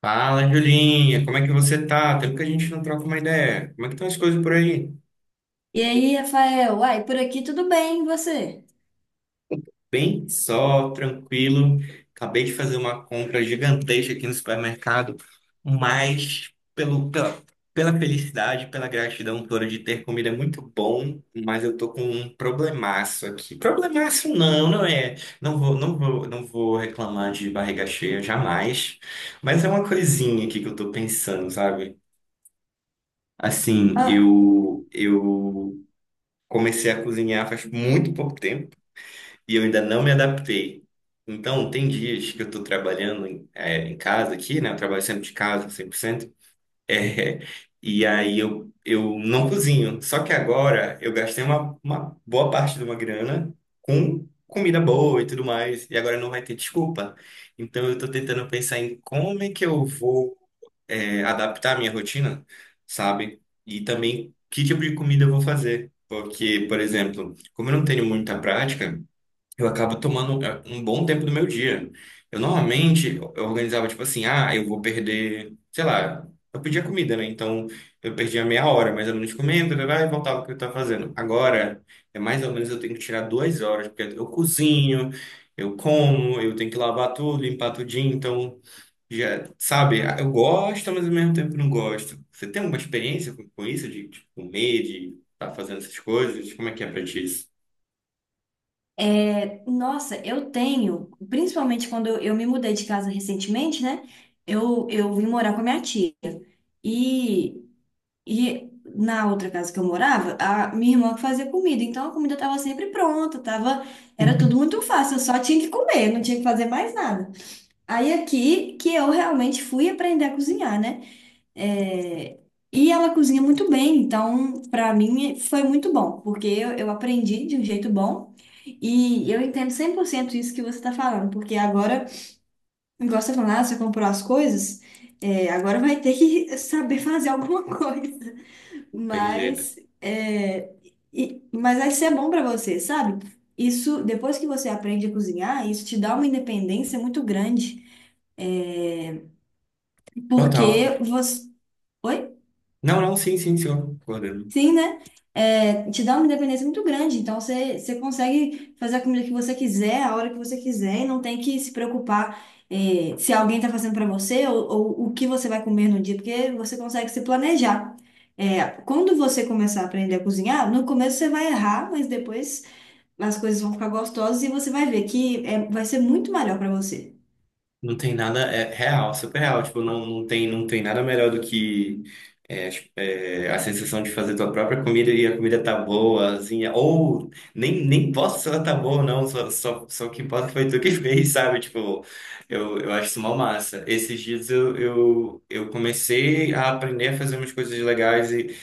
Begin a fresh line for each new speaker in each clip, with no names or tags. Fala, Julinha, como é que você tá? Tempo que a gente não troca uma ideia. Como é que estão as coisas por aí?
E aí, Rafael? Uai, por aqui tudo bem, e você?
Bem só, tranquilo. Acabei de fazer uma compra gigantesca aqui no supermercado, mas pela felicidade, pela gratidão toda de ter comida é muito bom, mas eu tô com um problemaço aqui. Problemaço não, não é. Não vou reclamar de barriga cheia jamais, mas é uma coisinha aqui que eu tô pensando, sabe? Assim,
Ah,
eu. Comecei a cozinhar faz muito pouco tempo e eu ainda não me adaptei. Então, tem dias que eu estou trabalhando em casa aqui, né? Eu trabalho sempre de casa, 100%. É, e aí eu não cozinho. Só que agora eu gastei uma boa parte de uma grana com comida boa e tudo mais. E agora não vai ter desculpa. Então, eu estou tentando pensar em como é que eu vou adaptar a minha rotina, sabe? E também que tipo de comida eu vou fazer. Porque, por exemplo, como eu não tenho muita prática, eu acabo tomando um bom tempo do meu dia. Eu normalmente eu organizava tipo assim, ah, eu vou perder, sei lá, eu pedia comida, né? Então eu perdia meia hora, mais ou menos comendo, blá, blá, e voltava pro que eu tava fazendo. Agora, é mais ou menos eu tenho que tirar duas horas, porque eu cozinho, eu como, eu tenho que lavar tudo, limpar tudinho, então. Já, sabe, ah, eu gosto, mas ao mesmo tempo não gosto. Você tem alguma experiência com isso, de comer, de estar fazendo essas coisas? Como é que é pra ti isso?
é, nossa, eu tenho, principalmente quando eu me mudei de casa recentemente, né? Eu vim morar com a minha tia. E, e na outra casa que eu morava, a minha irmã que fazia comida. Então a comida estava sempre pronta, tava, era tudo muito fácil, eu só tinha que comer, não tinha que fazer mais nada. Aí aqui que eu realmente fui aprender a cozinhar, né? É, e ela cozinha muito bem, então para mim foi muito bom, porque eu aprendi de um jeito bom e eu entendo 100% isso que você está falando, porque agora, igual você falou, ah, você comprou as coisas, agora vai ter que saber fazer alguma coisa,
Tem jeito.
mas, mas vai ser bom para você, sabe? Isso, depois que você aprende a cozinhar, isso te dá uma independência muito grande,
Total.
porque você. Oi?
Não, não, sim, sim, senhor. Concordando.
Sim, né? É, te dá uma independência muito grande. Então, você consegue fazer a comida que você quiser, a hora que você quiser, e não tem que se preocupar, se alguém está fazendo para você ou o que você vai comer no dia, porque você consegue se planejar. É, quando você começar a aprender a cozinhar, no começo você vai errar, mas depois as coisas vão ficar gostosas e você vai ver que é, vai ser muito melhor para você.
Não tem nada, é real, super real. Tipo, não tem, não tem nada melhor do que a sensação de fazer tua própria comida e a comida tá boa, assim, ou nem posso se ela tá boa ou não, só o que importa foi tu que fez, sabe? Tipo, eu acho isso mó massa. Esses dias eu comecei a aprender a fazer umas coisas legais e,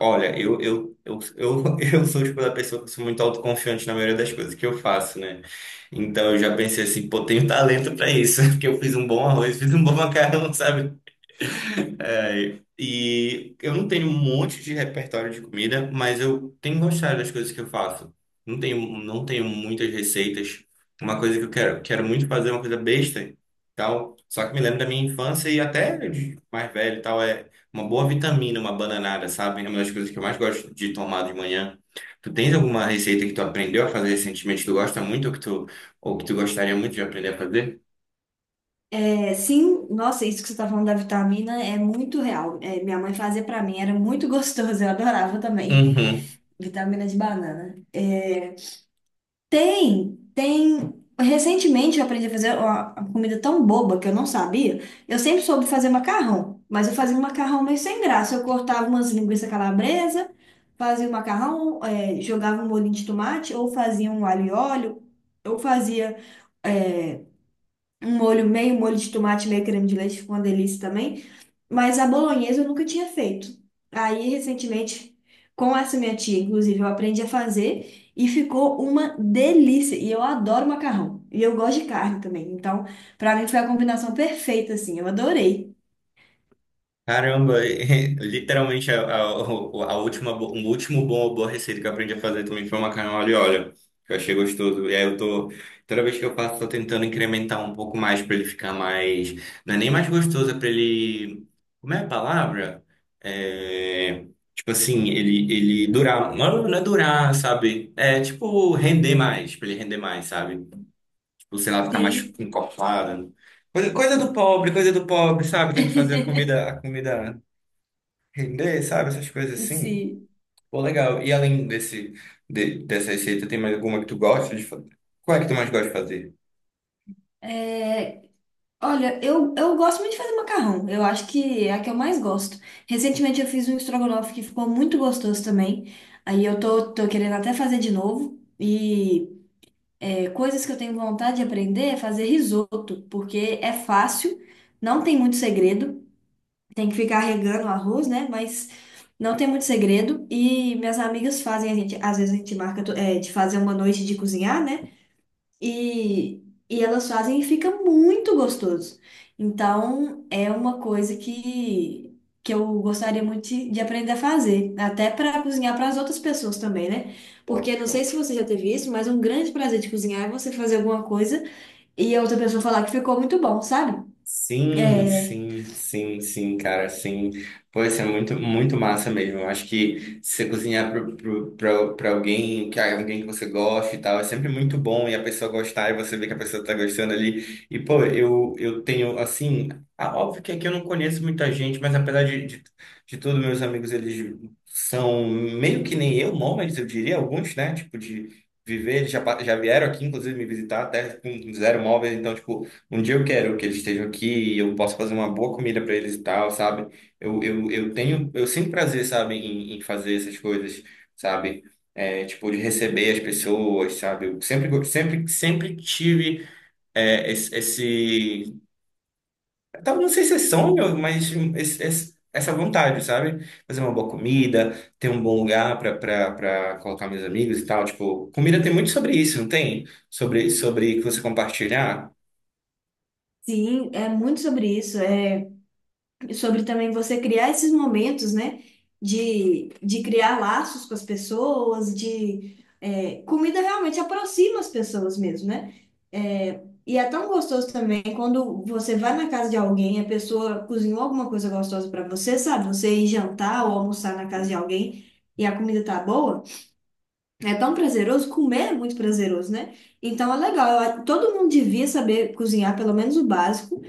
olha, eu sou, tipo, da pessoa que sou muito autoconfiante na maioria das coisas que eu faço, né? Então eu já pensei assim, pô, tenho talento para isso, porque eu fiz um bom arroz, fiz um bom macarrão, sabe? É, e eu não tenho um monte de repertório de comida, mas eu tenho gostado das coisas que eu faço. Não tenho muitas receitas. Uma coisa que quero muito fazer é uma coisa besta, e tal. Só que me lembro da minha infância e até de mais velho, e tal, é uma boa vitamina, uma bananada, sabe? É uma das coisas que eu mais gosto de tomar de manhã. Tu tens alguma receita que tu aprendeu a fazer recentemente, que tu gosta muito ou ou que tu gostaria muito de aprender a fazer?
É, sim, nossa, isso que você está falando da vitamina é muito real. É, minha mãe fazia para mim, era muito gostoso, eu adorava também.
Uhum.
Vitamina de banana. É, tem, tem. Recentemente eu aprendi a fazer uma comida tão boba que eu não sabia. Eu sempre soube fazer macarrão, mas eu fazia um macarrão meio sem graça. Eu cortava umas linguiças calabresa, fazia um macarrão, jogava um molhinho de tomate, ou fazia um alho e óleo, ou fazia, é, um molho meio molho de tomate, meio creme de leite, ficou uma delícia também. Mas a bolonhesa eu nunca tinha feito. Aí, recentemente, com essa minha tia, inclusive, eu aprendi a fazer e ficou uma delícia. E eu adoro macarrão. E eu gosto de carne também. Então, pra mim foi a combinação perfeita, assim. Eu adorei.
Caramba, literalmente a última, o último bom ou boa receita que eu aprendi a fazer também foi macarrão ali, olha, que eu achei gostoso. E aí eu tô, toda vez que eu faço, tô tentando incrementar um pouco mais pra ele ficar mais, não é nem mais gostoso, é pra ele, como é a palavra? É, tipo assim, ele, ele durar, não, não é durar, sabe? É tipo render mais, pra ele render mais, sabe? Tipo, sei lá, ficar mais
Sim.
encorpada. Coisa do pobre, coisa do pobre, sabe? Tem que fazer a comida. Render, sabe? Essas coisas assim.
Sim.
Pô, legal. E além desse, dessa receita, tem mais alguma que tu gosta de fazer? Qual é que tu mais gosta de fazer?
É, olha, eu gosto muito de fazer macarrão. Eu acho que é a que eu mais gosto. Recentemente eu fiz um estrogonofe que ficou muito gostoso também. Aí eu tô querendo até fazer de novo. E coisas que eu tenho vontade de aprender é fazer risoto, porque é fácil, não tem muito segredo, tem que ficar regando o arroz, né? Mas não tem muito segredo. E minhas amigas fazem, às vezes a gente marca é, de fazer uma noite de cozinhar, né? E, e elas fazem e fica muito gostoso. Então, é uma coisa que eu gostaria muito de aprender a fazer, até para cozinhar para as outras pessoas também, né?
Pô,
Porque não sei
show.
se você já teve isso, mas um grande prazer de cozinhar é você fazer alguma coisa e a outra pessoa falar que ficou muito bom, sabe?
Sim,
É,
sim, sim, sim, cara, sim. Pô, isso é muito, muito massa mesmo. Eu acho que se você cozinhar para alguém que você gosta e tal, é sempre muito bom e a pessoa gostar e você vê que a pessoa tá gostando ali. E, pô, eu tenho, assim, ah, óbvio que aqui eu não conheço muita gente, mas apesar de tudo, meus amigos, eles são meio que nem eu, nômades, eu diria, alguns, né? Tipo, de viver, eles já, já vieram aqui, inclusive, me visitar até com zero móveis, então, tipo, um dia eu quero que eles estejam aqui e eu possa fazer uma boa comida para eles e tal, sabe? Eu tenho, eu sinto prazer, sabe, em, em fazer essas coisas, sabe? É, tipo, de receber as pessoas, sabe? Eu sempre, sempre tive esse, talvez não sei se é sonho, mas essa vontade, sabe? Fazer uma boa comida, ter um bom lugar para colocar meus amigos e tal. Tipo, comida tem muito sobre isso, não tem? Sobre que você compartilhar.
sim, é muito sobre isso. É sobre também você criar esses momentos, né? De criar laços com as pessoas, de é, comida realmente aproxima as pessoas mesmo, né? É, e é tão gostoso também quando você vai na casa de alguém, a pessoa cozinhou alguma coisa gostosa para você, sabe? Você ir jantar ou almoçar na casa de alguém e a comida tá boa, é tão prazeroso, comer é muito prazeroso, né? Então é legal, todo mundo devia saber cozinhar pelo menos o básico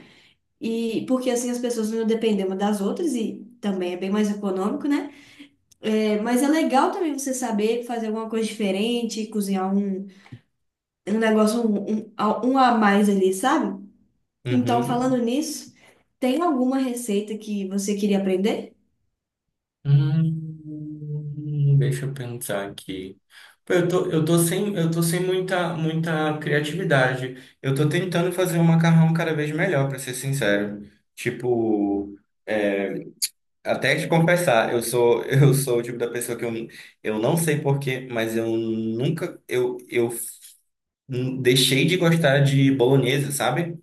e porque assim as pessoas não dependem uma das outras e também é bem mais econômico, né? É, mas é legal também você saber fazer alguma coisa diferente, cozinhar um, um negócio um a mais ali, sabe? Então, falando
Uhum.
nisso, tem alguma receita que você queria aprender?
Deixa eu pensar aqui. Pô, eu tô sem muita, muita criatividade. Eu tô tentando fazer um macarrão cada vez melhor, pra ser sincero. Tipo, é, até te confessar, eu sou, eu sou o tipo da pessoa que eu não sei porquê, mas eu nunca, eu deixei de gostar de bolonhesa, sabe?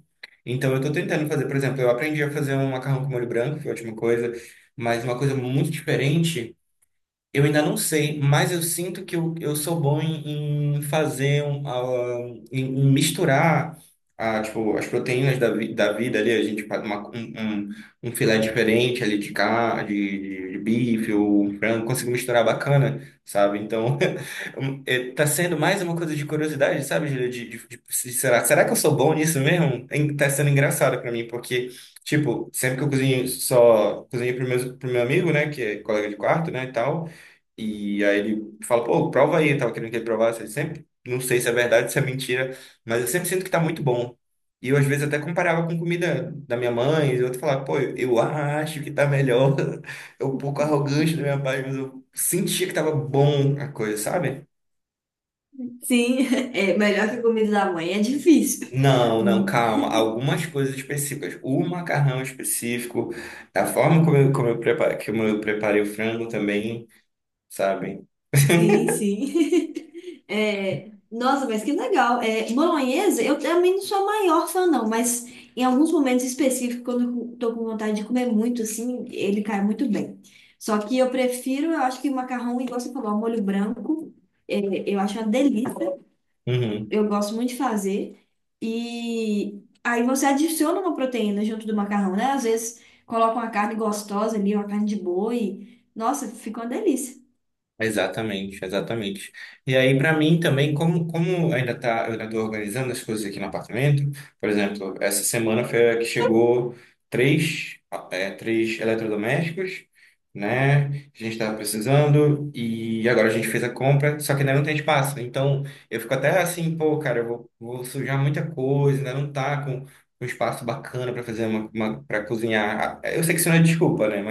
Então, eu tô tentando fazer, por exemplo, eu aprendi a fazer um macarrão com molho branco, que é a última coisa, mas uma coisa muito diferente. Eu ainda não sei, mas eu sinto que eu sou bom em fazer um, ah, em misturar ah, tipo, as proteínas da vida ali, a gente faz um, um, um filé diferente ali de carne, de bife ou um frango, consigo misturar bacana, sabe? Então, um, é, tá sendo mais uma coisa de curiosidade, sabe, Júlia? Será que eu sou bom nisso mesmo? Tá sendo engraçado pra mim, porque, tipo, sempre que eu cozinho, só cozinho pro meu amigo, né, que é colega de quarto, né, e tal. E aí ele fala, pô, prova aí, eu tava querendo que ele provasse. Ele sempre, não sei se é verdade, se é mentira, mas eu sempre sinto que tá muito bom. E eu, às vezes, até comparava com comida da minha mãe, e eu outro falava, pô, eu acho que tá melhor. É um pouco arrogante da minha parte, mas eu sentia que tava bom a coisa, sabe?
Sim, é melhor que comida da mãe, é difícil.
Não, não, calma. Algumas coisas específicas. O macarrão específico, a forma como como eu preparo, que eu preparei o frango também, sabe?
Sim, sim. É, nossa, mas que legal. É, bolonhesa, eu também não sou a maior fã, não, mas em alguns momentos específicos, quando eu tô com vontade de comer muito, assim, ele cai muito bem. Só que eu prefiro, eu acho que macarrão, igual você falou, ao molho branco, é, eu acho uma delícia.
Uhum.
Eu gosto muito de fazer. E aí você adiciona uma proteína junto do macarrão, né? Às vezes coloca uma carne gostosa ali, uma carne de boi. Nossa, fica uma delícia.
Exatamente, exatamente. E aí, para mim também, como ainda tá, eu ainda estou organizando as coisas aqui no apartamento, por exemplo, essa semana foi a que chegou três, três eletrodomésticos, né? A gente estava precisando e agora a gente fez a compra, só que ainda não tem espaço. Então, eu fico até assim, pô, cara, vou sujar muita coisa, ainda não tá com um espaço bacana para fazer uma para cozinhar. Eu sei que isso não é desculpa, né?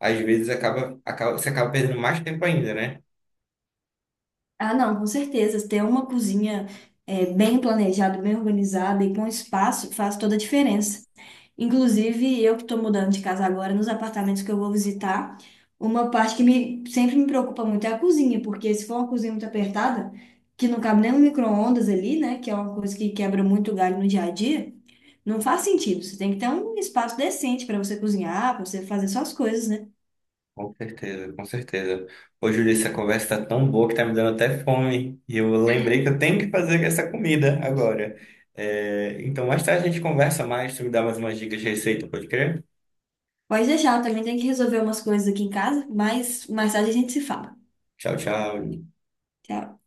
Às vezes você acaba perdendo mais tempo ainda, né?
Ah, não, com certeza. Ter uma cozinha bem planejada, bem organizada e com espaço faz toda a diferença. Inclusive, eu que estou mudando de casa agora, nos apartamentos que eu vou visitar, uma parte sempre me preocupa muito é a cozinha, porque se for uma cozinha muito apertada, que não cabe nem um micro-ondas ali, né, que é uma coisa que quebra muito galho no dia a dia, não faz sentido. Você tem que ter um espaço decente para você cozinhar, para você fazer suas coisas, né?
Com certeza, com certeza. Ô, Júlio, essa conversa tá tão boa que tá me dando até fome. E eu lembrei que eu tenho que fazer essa comida agora. É, então, mais tarde a gente conversa mais, tu me dá mais umas dicas de receita, pode crer?
Pode deixar, eu também tenho que resolver umas coisas aqui em casa, mas mais tarde a gente se fala.
Tchau, tchau.
Tchau.